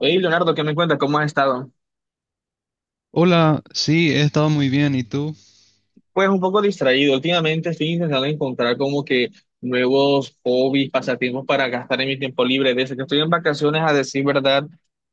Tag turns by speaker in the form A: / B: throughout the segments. A: Hey, Leonardo, ¿qué me cuentas? ¿Cómo has estado?
B: Hola, sí, he estado muy bien. ¿Y tú?
A: Pues un poco distraído. Últimamente estoy intentando encontrar como que nuevos hobbies, pasatiempos para gastar en mi tiempo libre. Desde que estoy en vacaciones, a decir verdad,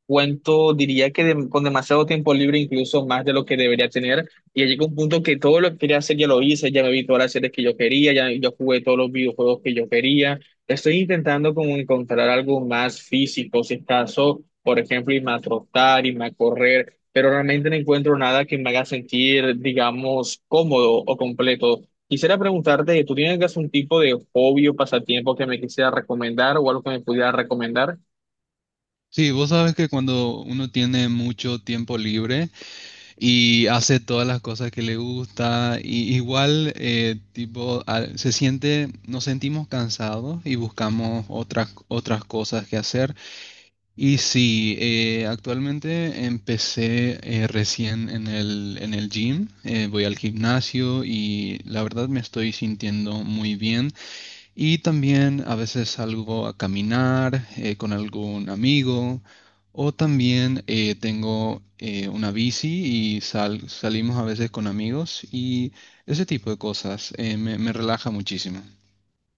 A: cuento, diría que con demasiado tiempo libre, incluso más de lo que debería tener. Y llegó un punto que todo lo que quería hacer ya lo hice, ya me vi todas las series que yo quería, ya yo jugué todos los videojuegos que yo quería. Estoy intentando como encontrar algo más físico, si es caso, por ejemplo, irme a trotar, irme a correr. Pero realmente no encuentro nada que me haga sentir, digamos, cómodo o completo. Quisiera preguntarte, ¿tú tienes algún tipo de hobby o pasatiempo que me quisiera recomendar o algo que me pudiera recomendar?
B: Sí, vos sabes que cuando uno tiene mucho tiempo libre y hace todas las cosas que le gusta, y igual tipo se siente, nos sentimos cansados y buscamos otras cosas que hacer. Y sí, actualmente empecé recién en el gym. Voy al gimnasio y la verdad me estoy sintiendo muy bien. Y también a veces salgo a caminar con algún amigo o también tengo una bici y salimos a veces con amigos y ese tipo de cosas, me relaja muchísimo.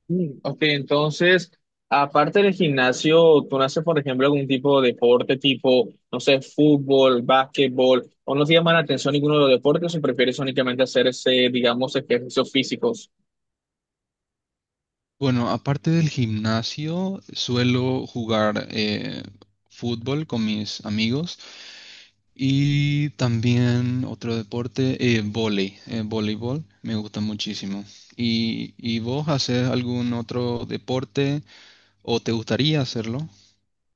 A: Mm, ok, entonces, aparte del gimnasio, ¿tú no haces, por ejemplo, algún tipo de deporte tipo, no sé, fútbol, básquetbol, o no te llama la atención ninguno de los deportes o prefieres únicamente hacer ese, digamos, ejercicios físicos?
B: Bueno, aparte del gimnasio, suelo jugar fútbol con mis amigos. Y también otro deporte, vóley, voleibol, me gusta muchísimo. Y vos haces algún otro deporte o te gustaría hacerlo?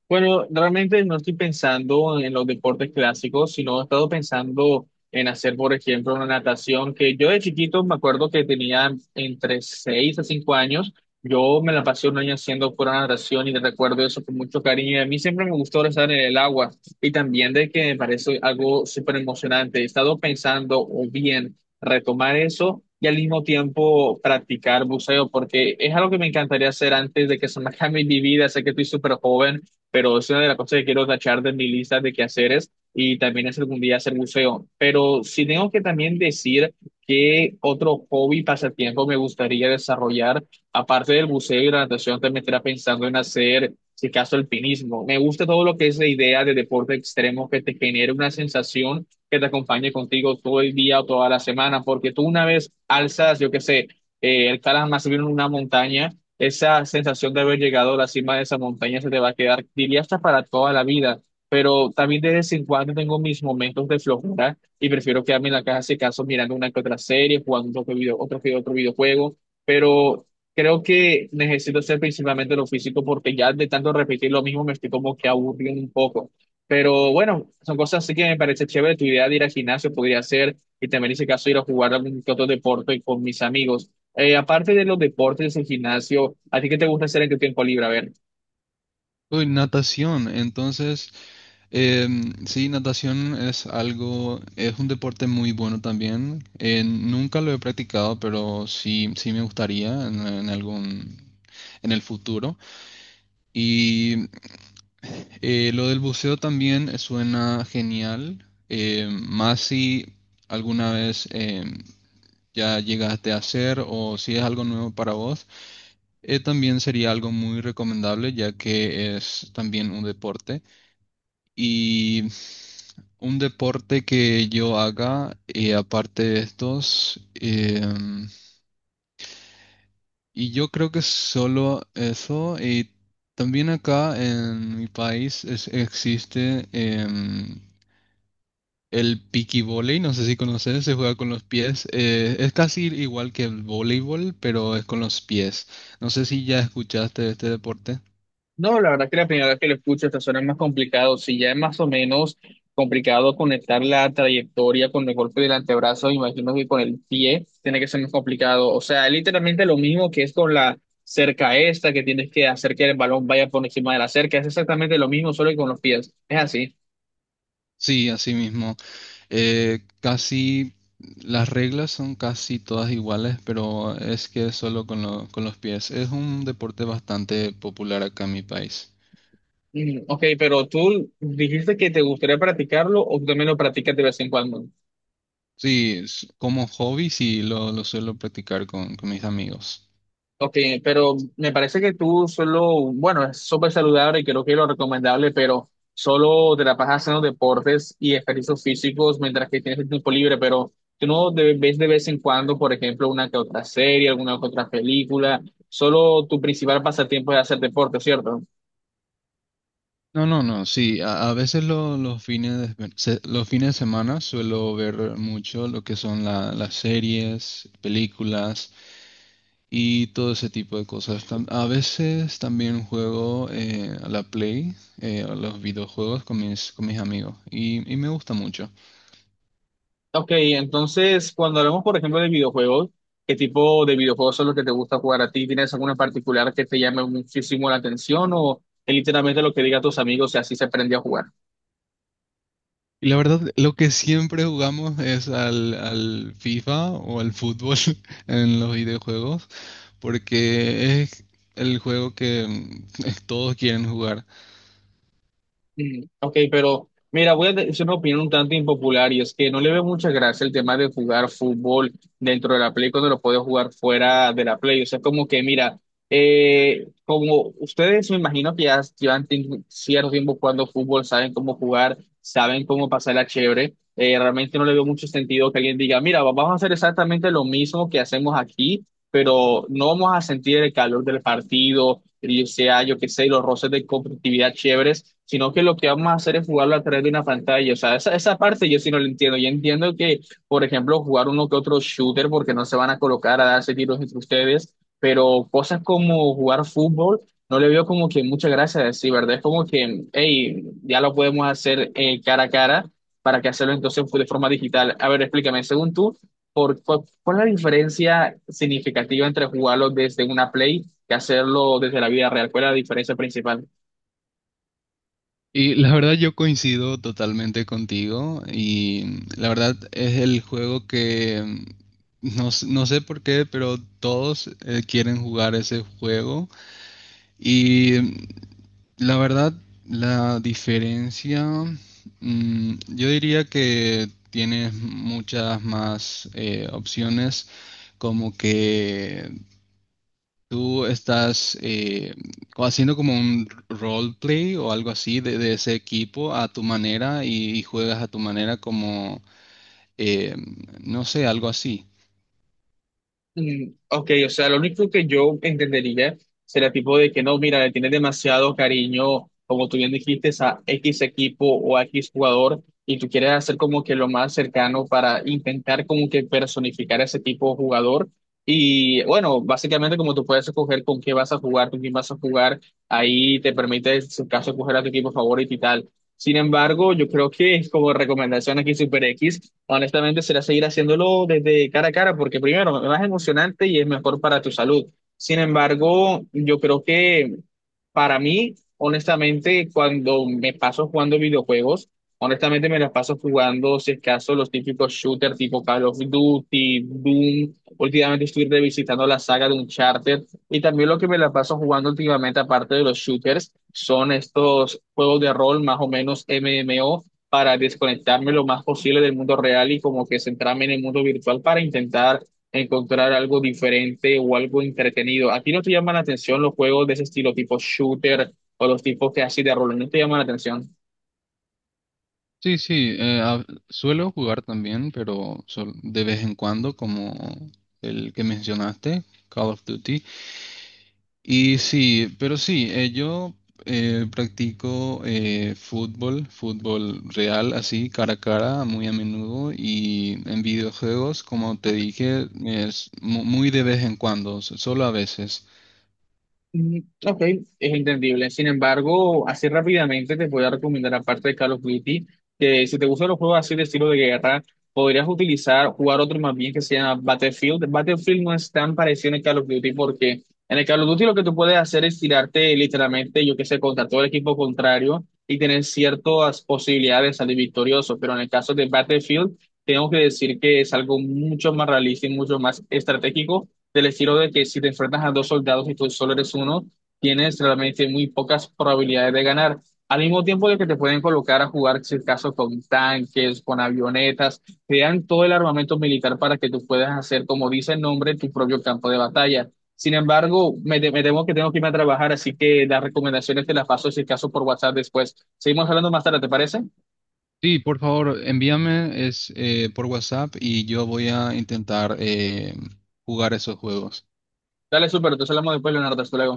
A: Bueno, realmente no estoy pensando en los deportes clásicos, sino he estado pensando en hacer, por ejemplo, una natación que yo de chiquito me acuerdo que tenía entre 6 a 5 años. Yo me la pasé un año haciendo pura natación y te recuerdo eso con mucho cariño. Y a mí siempre me gustó estar en el agua y también de que me parece algo súper emocionante. He estado pensando o bien retomar eso y al mismo tiempo practicar buceo porque es algo que me encantaría hacer antes de que se me acabe mi vida. Sé que estoy súper joven, pero es una de las cosas que quiero tachar de mi lista de quehaceres y también es algún día hacer buceo. Pero sí tengo que también decir que otro hobby, pasatiempo me gustaría desarrollar, aparte del buceo y la natación, también estaría pensando en hacer, si acaso, alpinismo. Me gusta todo lo que es la idea de deporte extremo que te genere una sensación que te acompañe contigo todo el día o toda la semana, porque tú una vez alzas, yo qué sé, escalas más bien una montaña. Esa sensación de haber llegado a la cima de esa montaña se te va a quedar, diría hasta para toda la vida. Pero también de vez en cuando tengo mis momentos de flojera y prefiero quedarme en la casa, si caso, mirando una que otra serie, jugando que otro videojuego. Pero creo que necesito hacer principalmente lo físico porque ya de tanto repetir lo mismo me estoy como que aburriendo un poco. Pero bueno, son cosas así que me parece chévere. Tu idea de ir al gimnasio podría ser, y también en ese caso ir a jugar algún que otro deporte con mis amigos. Aparte de los deportes, el gimnasio, ¿a ti qué te gusta hacer en tu tiempo libre? A ver.
B: Uy, natación, entonces, sí, natación es algo, es un deporte muy bueno también. Nunca lo he practicado, pero sí, sí me gustaría en algún, en el futuro. Y lo del buceo también suena genial, más si alguna vez ya llegaste a hacer o si es algo nuevo para vos, también sería algo muy recomendable ya que es también un deporte y un deporte que yo haga aparte de estos. Y yo creo que solo eso. Y también acá en mi país existe el volley, no sé si conoces, se juega con los pies. Eh, es casi igual que el voleibol, pero es con los pies. No sé si ya escuchaste de este deporte.
A: No, la verdad que la primera vez que lo escucho, esta suena más complicado. Si ya es más o menos complicado conectar la trayectoria con el golpe del antebrazo, imagino que con el pie tiene que ser más complicado. O sea, es literalmente lo mismo que es con la cerca esta, que tienes que hacer que el balón vaya por encima de la cerca. Es exactamente lo mismo, solo que con los pies. Es así.
B: Sí, así mismo. Eh, casi las reglas son casi todas iguales, pero es que es solo con, con los pies. Es un deporte bastante popular acá en mi país.
A: Mm, ok, pero tú dijiste que te gustaría practicarlo o tú también lo practicas de vez en cuando.
B: Sí, como hobby sí lo suelo practicar con mis amigos.
A: Ok, pero me parece que tú solo, bueno, es súper saludable y creo que es lo recomendable, pero solo te la pasas haciendo deportes y ejercicios físicos mientras que tienes el tiempo libre, pero tú no de- ves de vez en cuando, por ejemplo, una que otra serie, alguna que otra película, solo tu principal pasatiempo es hacer deporte, ¿cierto?
B: No, no, no, sí, a veces los fines de, los fines de semana suelo ver mucho lo que son las series, películas y todo ese tipo de cosas. A veces también juego a la Play, a los videojuegos con con mis amigos y me gusta mucho.
A: Ok, entonces cuando hablamos, por ejemplo, de videojuegos, ¿qué tipo de videojuegos son los que te gusta jugar a ti? ¿Tienes alguno en particular que te llame muchísimo la atención o es literalmente lo que diga tus amigos y así se aprende a jugar?
B: Y la verdad, lo que siempre jugamos es al FIFA o al fútbol en los videojuegos porque es el juego que todos quieren jugar.
A: Mm, ok, pero mira, voy a decir una opinión un tanto impopular y es que no le veo mucha gracia el tema de jugar fútbol dentro de la Play cuando lo puedes jugar fuera de la Play. O sea, como que mira, como ustedes me imagino que ya llevan cierto tiempo jugando fútbol, saben cómo jugar, saben cómo pasarla chévere. Realmente no le veo mucho sentido que alguien diga, mira, vamos a hacer exactamente lo mismo que hacemos aquí, pero no vamos a sentir el calor del partido, y sea, yo qué sé, los roces de competitividad chéveres, sino que lo que vamos a hacer es jugarlo a través de una pantalla. O sea, esa parte yo sí no la entiendo. Yo entiendo que, por ejemplo, jugar uno que otro shooter, porque no se van a colocar a darse tiros entre ustedes, pero cosas como jugar fútbol. No le veo como que muchas gracias, sí, ¿verdad? Es como que, hey, ya lo podemos hacer cara a cara, ¿para que hacerlo entonces de forma digital? A ver, explícame, según tú, ¿cuál es la diferencia significativa entre jugarlo desde una Play que hacerlo desde la vida real? ¿Cuál es la diferencia principal?
B: Y la verdad yo coincido totalmente contigo. Y la verdad es el juego que no, no sé por qué, pero todos quieren jugar ese juego. Y la verdad la diferencia, yo diría que tienes muchas más opciones, como que ¿tú estás haciendo como un roleplay o algo así de ese equipo a tu manera y juegas a tu manera como, eh, no sé, algo así?
A: Mm, ok, o sea, lo único que yo entendería sería tipo de que no, mira, le tienes demasiado cariño, como tú bien dijiste, a X equipo o a X jugador, y tú quieres hacer como que lo más cercano para intentar como que personificar a ese tipo de jugador. Y bueno, básicamente como tú puedes escoger con qué vas a jugar, con quién vas a jugar, ahí te permite, en su caso, escoger a tu equipo favorito y tal. Sin embargo, yo creo que como recomendación aquí Super X, honestamente será seguir haciéndolo desde cara a cara, porque primero, es más emocionante y es mejor para tu salud. Sin embargo, yo creo que para mí, honestamente, cuando me paso jugando videojuegos, honestamente me las paso jugando, si es caso, los típicos shooters tipo Call of Duty, Doom. Últimamente estoy revisitando la saga de Uncharted y también lo que me la paso jugando últimamente, aparte de los shooters, son estos juegos de rol más o menos MMO para desconectarme lo más posible del mundo real y como que centrarme en el mundo virtual para intentar encontrar algo diferente o algo entretenido. ¿A ti no te llaman la atención los juegos de ese estilo tipo shooter o los tipos que así de rol? ¿No te llaman la atención?
B: Sí, sí, suelo jugar también, pero de vez en cuando, como el que mencionaste, Call of Duty. Y sí, pero sí, yo practico fútbol real, así, cara a cara, muy a menudo, y en videojuegos, como te dije, es muy de vez en cuando, solo a veces.
A: Mm, ok, es entendible. Sin embargo, así rápidamente te voy a recomendar, aparte de Call of Duty, que si te gustan los juegos así de estilo de guerra, podrías utilizar, jugar otro más bien que se llama Battlefield. Battlefield no es tan parecido en el Call of Duty porque en el Call of Duty lo que tú puedes hacer es tirarte literalmente, yo qué sé, contra todo el equipo contrario y tener ciertas posibilidades de salir victorioso. Pero en el caso de Battlefield, tengo que decir que es algo mucho más realista y mucho más estratégico del estilo de que si te enfrentas a dos soldados y tú solo eres uno, tienes realmente muy pocas probabilidades de ganar. Al mismo tiempo de que te pueden colocar a jugar, si es caso, con tanques, con avionetas, te dan todo el armamento militar para que tú puedas hacer, como dice el nombre, tu propio campo de batalla. Sin embargo, me temo que tengo que irme a trabajar, así que las recomendaciones te las paso, si es caso, por WhatsApp después. Seguimos hablando más tarde, ¿te parece?
B: Sí, por favor, envíame por WhatsApp y yo voy a intentar jugar esos juegos.
A: Dale, súper, entonces hablamos después, Leonardo, hasta luego.